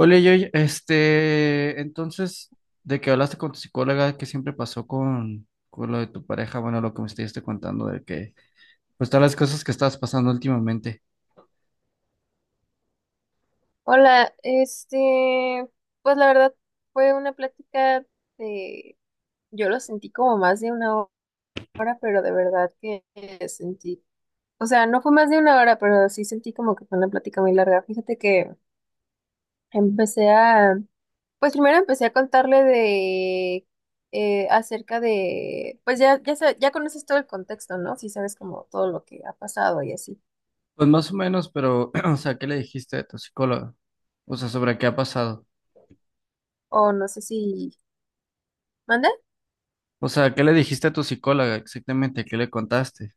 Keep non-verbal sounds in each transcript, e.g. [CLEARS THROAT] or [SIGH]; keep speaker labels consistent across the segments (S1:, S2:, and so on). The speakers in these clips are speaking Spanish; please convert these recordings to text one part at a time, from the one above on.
S1: Oye, yo, entonces, de que hablaste con tu psicóloga, ¿qué siempre pasó con lo de tu pareja? Bueno, lo que me estuviste contando de que, pues, todas las cosas que estabas pasando últimamente.
S2: Hola, pues la verdad fue una plática de, yo lo sentí como más de una hora, pero de verdad que sentí, o sea, no fue más de una hora, pero sí sentí como que fue una plática muy larga. Fíjate que empecé a, pues primero empecé a contarle acerca de, pues ya conoces todo el contexto, ¿no? Si sabes como todo lo que ha pasado y así,
S1: Pues más o menos, pero, [CLEARS THROAT] o sea, ¿qué le dijiste a tu psicóloga? O sea, sobre qué ha pasado.
S2: o no sé si, ¿mande?
S1: O sea, ¿qué le dijiste a tu psicóloga exactamente? ¿Qué le contaste?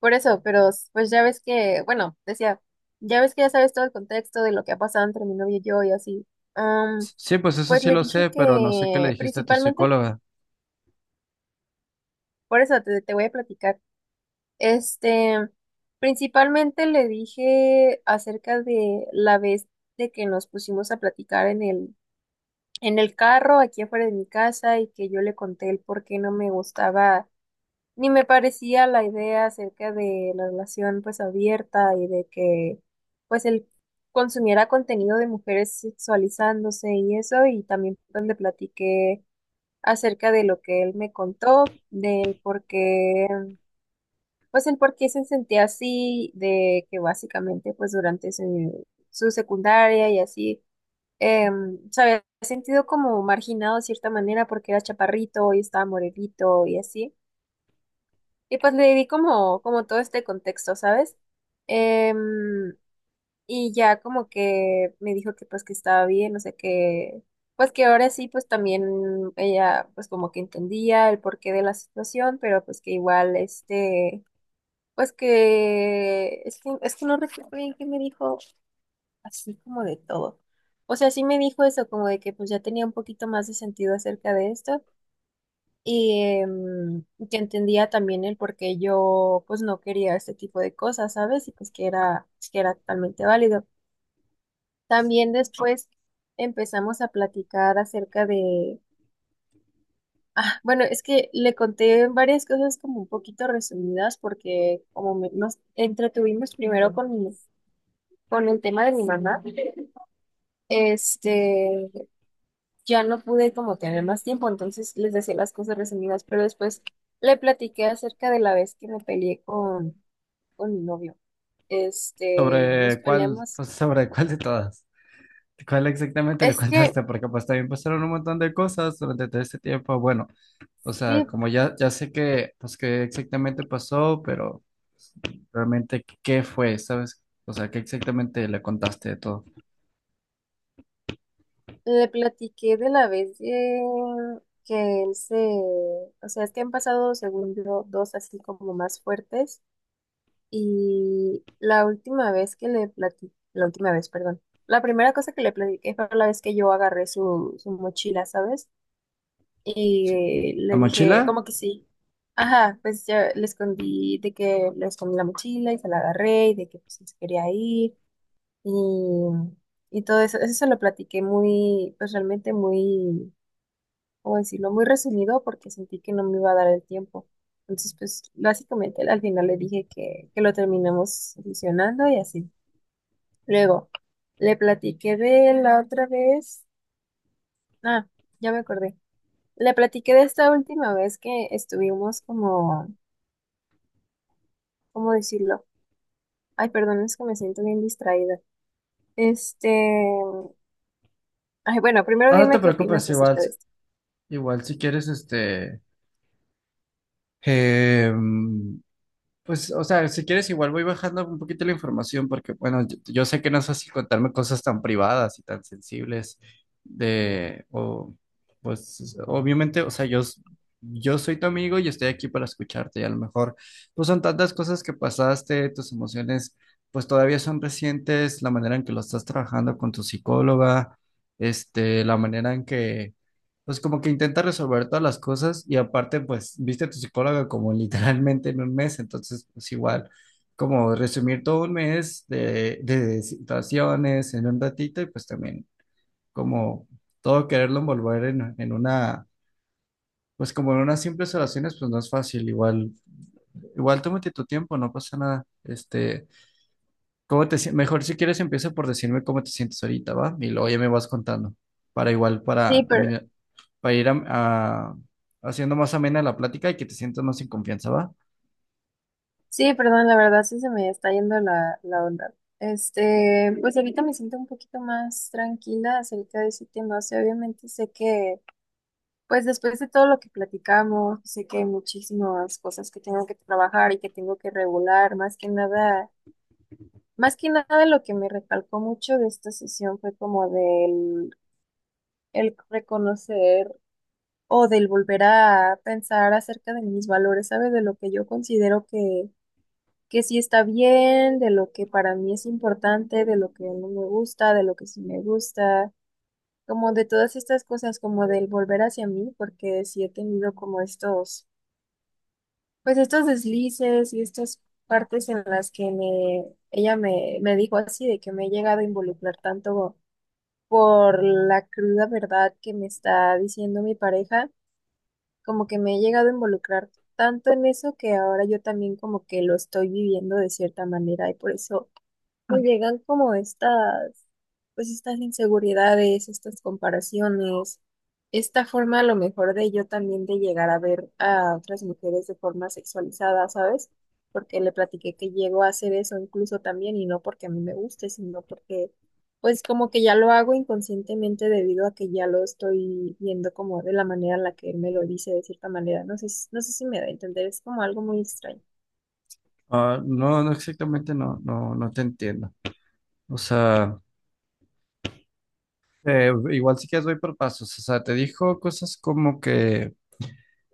S2: Por eso, pero pues ya ves que, bueno, decía, ya ves que ya sabes todo el contexto de lo que ha pasado entre mi novio y yo y así. Am,
S1: Sí, pues eso
S2: pues
S1: sí
S2: le
S1: lo
S2: dije
S1: sé, pero no sé qué le
S2: que
S1: dijiste a tu
S2: principalmente,
S1: psicóloga.
S2: por eso te voy a platicar, este, principalmente le dije acerca de la vez de que nos pusimos a platicar en el carro aquí afuera de mi casa y que yo le conté el por qué no me gustaba ni me parecía la idea acerca de la relación pues abierta y de que pues él consumiera contenido de mujeres sexualizándose y eso, y también pues le platiqué acerca de lo que él me contó, del por qué pues el por qué se sentía así, de que básicamente pues durante su secundaria y así se había sentido como marginado de cierta manera porque era chaparrito y estaba morelito y así. Y pues le di como todo este contexto, ¿sabes? Em, y ya como que me dijo que pues que estaba bien, o sea que, pues que ahora sí, pues también ella pues como que entendía el porqué de la situación, pero pues que igual este, pues es que no recuerdo bien qué me dijo así como de todo. O sea, sí me dijo eso, como de que pues ya tenía un poquito más de sentido acerca de esto y em, que entendía también el por qué yo pues no quería este tipo de cosas, ¿sabes? Y pues que era totalmente válido. También después empezamos a platicar acerca de, ah, bueno, es que le conté varias cosas como un poquito resumidas porque como nos entretuvimos primero con el tema de mi mamá, este, ya no pude como tener más tiempo, entonces les decía las cosas resumidas, pero después... Le platiqué acerca de la vez que me peleé con mi novio. Este, nos
S1: ¿Sobre cuál?
S2: peleamos.
S1: Pues sobre cuál de todas. ¿Cuál exactamente le
S2: Es que
S1: contaste? Porque pues también pasaron un montón de cosas durante todo este tiempo. Bueno, o sea,
S2: sí,
S1: como ya sé que, pues qué exactamente pasó, pero pues, realmente qué fue, ¿sabes? O sea, ¿qué exactamente le contaste de todo?
S2: le platiqué de la vez que él se, o sea, es que han pasado, según yo, dos así como más fuertes. Y la última vez que le platiqué, la última vez, perdón. La primera cosa que le platiqué fue la vez que yo agarré su mochila, ¿sabes? Y
S1: ¿La
S2: le dije,
S1: mochila?
S2: como que sí. Ajá, pues ya le escondí, de que le escondí la mochila y se la agarré y de que pues, se quería ir. y, y todo eso. Eso se lo platiqué pues realmente muy, ¿cómo decirlo? Muy resumido porque sentí que no me iba a dar el tiempo. Entonces, pues básicamente al final le dije que lo terminamos solucionando y así. Luego, le platiqué de la otra vez. Ah, ya me acordé. Le platiqué de esta última vez que estuvimos como, ¿cómo decirlo? Ay, perdón, es que me siento bien distraída. Este, ay, bueno, primero
S1: No, no te
S2: dime qué
S1: preocupes,
S2: opinas
S1: igual,
S2: acerca de esto.
S1: igual si quieres, em, pues, o sea, si quieres, igual voy bajando un poquito la información porque, bueno, yo sé que no es así contarme cosas tan privadas y tan sensibles de, o, pues, obviamente, o sea, yo soy tu amigo y estoy aquí para escucharte y a lo mejor, pues son tantas cosas que pasaste, tus emociones, pues todavía son recientes, la manera en que lo estás trabajando con tu psicóloga, la manera en que pues como que intenta resolver todas las cosas y aparte, pues, viste a tu psicóloga como literalmente en un mes, entonces, pues igual, como resumir todo un mes de situaciones en un ratito y pues también como todo quererlo envolver en una, pues como en unas simples oraciones, pues no es fácil, igual, igual tómate tu tiempo, no pasa nada, ¿cómo te, mejor si quieres empieza por decirme cómo te sientes ahorita, ¿va? Y luego ya me vas contando. Para igual,
S2: Sí,
S1: para,
S2: pero
S1: para ir haciendo más amena la plática y que te sientas más en confianza, ¿va?
S2: sí, perdón, la verdad sí se me está yendo la onda. Este, pues ahorita me siento un poquito más tranquila acerca de ese tema. O sea, obviamente sé que, pues después de todo lo que platicamos, sé que hay muchísimas cosas que tengo que trabajar y que tengo que regular. Más que nada lo que me recalcó mucho de esta sesión fue como del el reconocer o del volver a pensar acerca de mis valores, ¿sabes? De lo que yo considero que sí está bien, de lo que para mí es importante, de lo que no me gusta, de lo que sí me gusta, como de todas estas cosas, como del volver hacia mí, porque sí he tenido como pues estos deslices y estas partes en las que ella me dijo así, de que me he llegado a involucrar tanto por la cruda verdad que me está diciendo mi pareja, como que me he llegado a involucrar tanto en eso, que ahora yo también como que lo estoy viviendo de cierta manera y por eso me llegan como pues estas inseguridades, estas comparaciones, esta forma a lo mejor de yo también de llegar a ver a otras mujeres de forma sexualizada, ¿sabes? Porque le platiqué que llego a hacer eso incluso también y no porque a mí me guste, sino porque pues como que ya lo hago inconscientemente debido a que ya lo estoy viendo como de la manera en la que él me lo dice de cierta manera. No sé, no sé si me da a entender, es como algo muy extraño.
S1: Ah, no, no exactamente, no te entiendo. O sea, igual si quieres voy por pasos. O sea, te dijo cosas como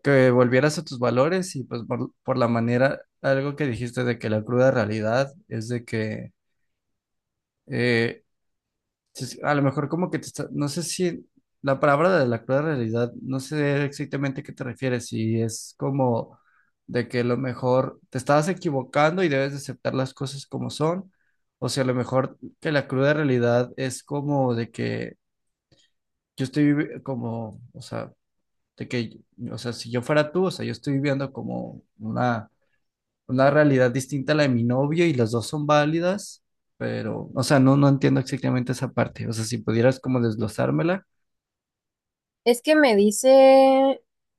S1: que volvieras a tus valores y pues por la manera, algo que dijiste de que la cruda realidad es de que... eh, sí, sí, a lo mejor como que te está, no sé si la palabra de la cruda realidad, no sé exactamente a qué te refieres, si es como de que a lo mejor te estabas equivocando y debes de aceptar las cosas como son, o si a lo mejor que la cruda realidad es como de que como, o sea, de que, o sea, si yo fuera tú, o sea, yo estoy viviendo como una realidad distinta a la de mi novio y las dos son válidas, pero, o sea, no entiendo exactamente esa parte. O sea, si pudieras como desglosármela.
S2: Es que me dice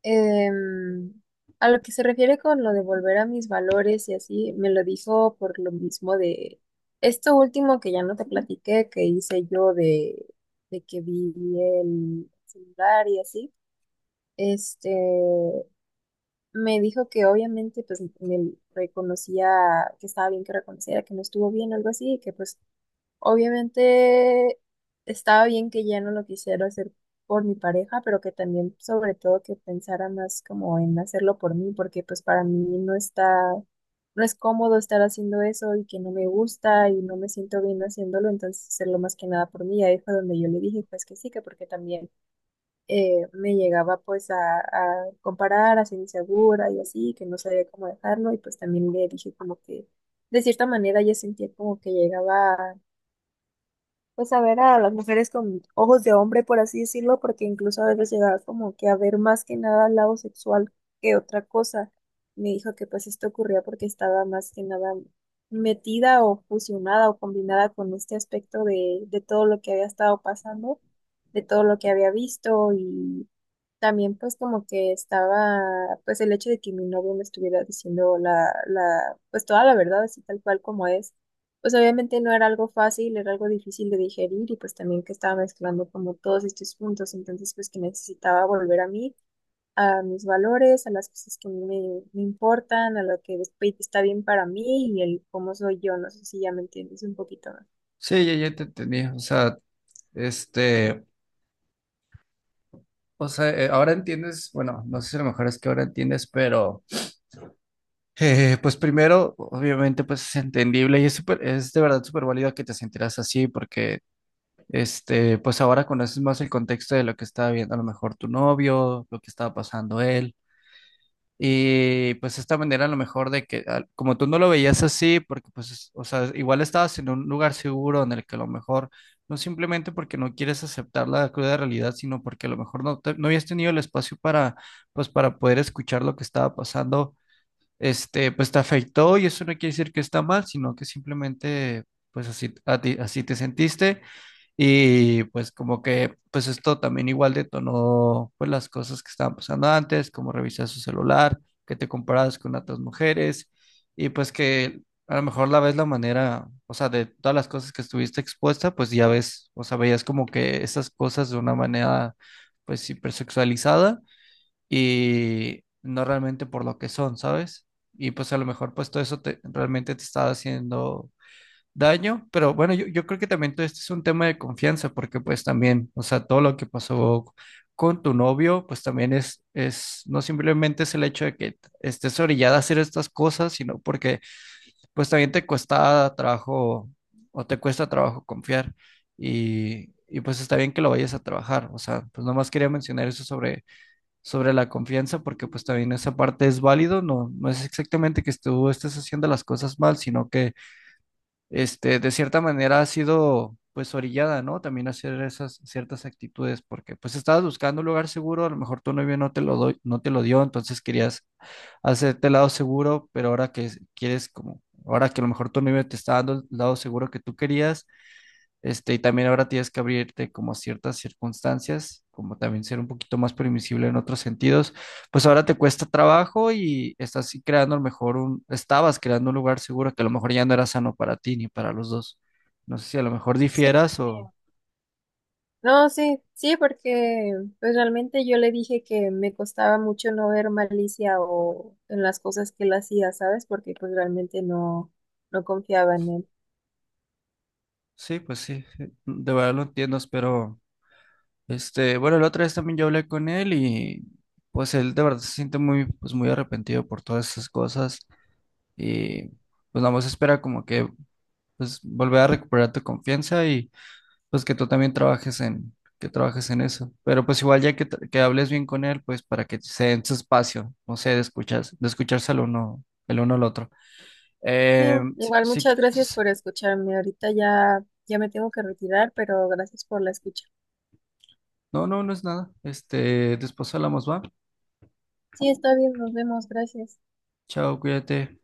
S2: em, a lo que se refiere con lo de volver a mis valores y así, me lo dijo por lo mismo de esto último que ya no te platiqué, que hice yo de que vi el celular y así. Este, me dijo que obviamente pues me reconocía que estaba bien que reconociera que no estuvo bien o algo así, y que pues obviamente estaba bien que ya no lo quisiera hacer por mi pareja, pero que también sobre todo que pensara más como en hacerlo por mí, porque pues para mí no está, no es cómodo estar haciendo eso y que no me gusta y no me siento bien haciéndolo, entonces hacerlo más que nada por mí. Ahí fue donde yo le dije pues que sí, que porque también me llegaba pues a comparar, a ser insegura y así, que no sabía cómo dejarlo, y pues también le dije como que de cierta manera yo sentía como que llegaba pues a ver a las mujeres con ojos de hombre, por así decirlo, porque incluso a veces llegaba como que a ver más que nada al lado sexual que otra cosa. Me dijo que pues esto ocurría porque estaba más que nada metida o fusionada o combinada con este aspecto de todo lo que había estado pasando, de todo lo que había visto, y también pues como que estaba pues el hecho de que mi novio me estuviera diciendo pues toda la verdad así tal cual como es, pues obviamente no era algo fácil, era algo difícil de digerir, y pues también que estaba mezclando como todos estos puntos, entonces pues que necesitaba volver a mí, a mis valores, a las cosas que a mí me importan, a lo que después está bien para mí y el cómo soy yo, no sé si ya me entiendes un poquito más.
S1: Sí, ya te entendí. O sea, este, o sea, ahora entiendes, bueno, no sé si a lo mejor es que ahora entiendes, pero pues primero, obviamente, pues es entendible y es súper, es de verdad súper válido que te sentirás así porque, pues ahora conoces más el contexto de lo que estaba viendo a lo mejor tu novio, lo que estaba pasando él. Y pues esta manera a lo mejor de que, como tú no lo veías así, porque pues, o sea, igual estabas en un lugar seguro en el que a lo mejor, no simplemente porque no quieres aceptar la cruda realidad, sino porque a lo mejor no, no habías tenido el espacio para, pues, para poder escuchar lo que estaba pasando, pues te afectó y eso no quiere decir que está mal, sino que simplemente, pues así, así te sentiste. Y pues como que pues esto también igual detonó pues las cosas que estaban pasando antes, como revisar su celular, que te comparabas con otras mujeres y pues que a lo mejor la ves la manera, o sea, de todas las cosas que estuviste expuesta, pues ya ves, o sea, veías como que esas cosas de una manera pues hipersexualizada y no realmente por lo que son, ¿sabes? Y pues a lo mejor pues todo eso realmente te estaba haciendo daño, pero bueno, yo creo que también todo esto es un tema de confianza, porque pues también, o sea, todo lo que pasó con tu novio, pues también es, no simplemente es el hecho de que estés orillada a hacer estas cosas, sino porque pues también te cuesta trabajo o te cuesta trabajo confiar y pues está bien que lo vayas a trabajar, o sea, pues nomás quería mencionar eso sobre, sobre la confianza, porque pues también esa parte es válido, no, no es exactamente que tú estés haciendo las cosas mal, sino que de cierta manera ha sido pues orillada, ¿no? También a hacer esas ciertas actitudes, porque pues estabas buscando un lugar seguro, a lo mejor tu novio no te lo no te lo dio, entonces querías hacerte el lado seguro, pero ahora que quieres como, ahora que a lo mejor tu novio te está dando el lado seguro que tú querías, y también ahora tienes que abrirte como a ciertas circunstancias, como también ser un poquito más permisible en otros sentidos. Pues ahora te cuesta trabajo y estás sí creando a lo mejor un, estabas creando un lugar seguro que a lo mejor ya no era sano para ti ni para los dos. No sé si a lo mejor
S2: Sí,
S1: difieras
S2: porque
S1: o
S2: no, sí, sí, porque pues realmente yo le dije que me costaba mucho no ver malicia o en las cosas que él hacía, ¿sabes? Porque pues realmente no, no confiaba en él.
S1: sí, pues sí, sí, de verdad lo entiendo, pero bueno, la otra vez también yo hablé con él y pues él de verdad se siente muy, pues muy arrepentido por todas esas cosas y pues nada más espera como que pues volver a recuperar tu confianza y pues que tú también trabajes en, que trabajes en eso. Pero pues igual ya que, que hables bien con él, pues para que se den su espacio, no sé, de escuchas, de escucharse el uno al otro.
S2: Sí,
S1: Si,
S2: igual muchas gracias por escucharme. Ahorita ya, ya me tengo que retirar, pero gracias por la escucha.
S1: no, no, no es nada. Este, después hablamos, va.
S2: Sí, está bien, nos vemos, gracias.
S1: Chao, cuídate.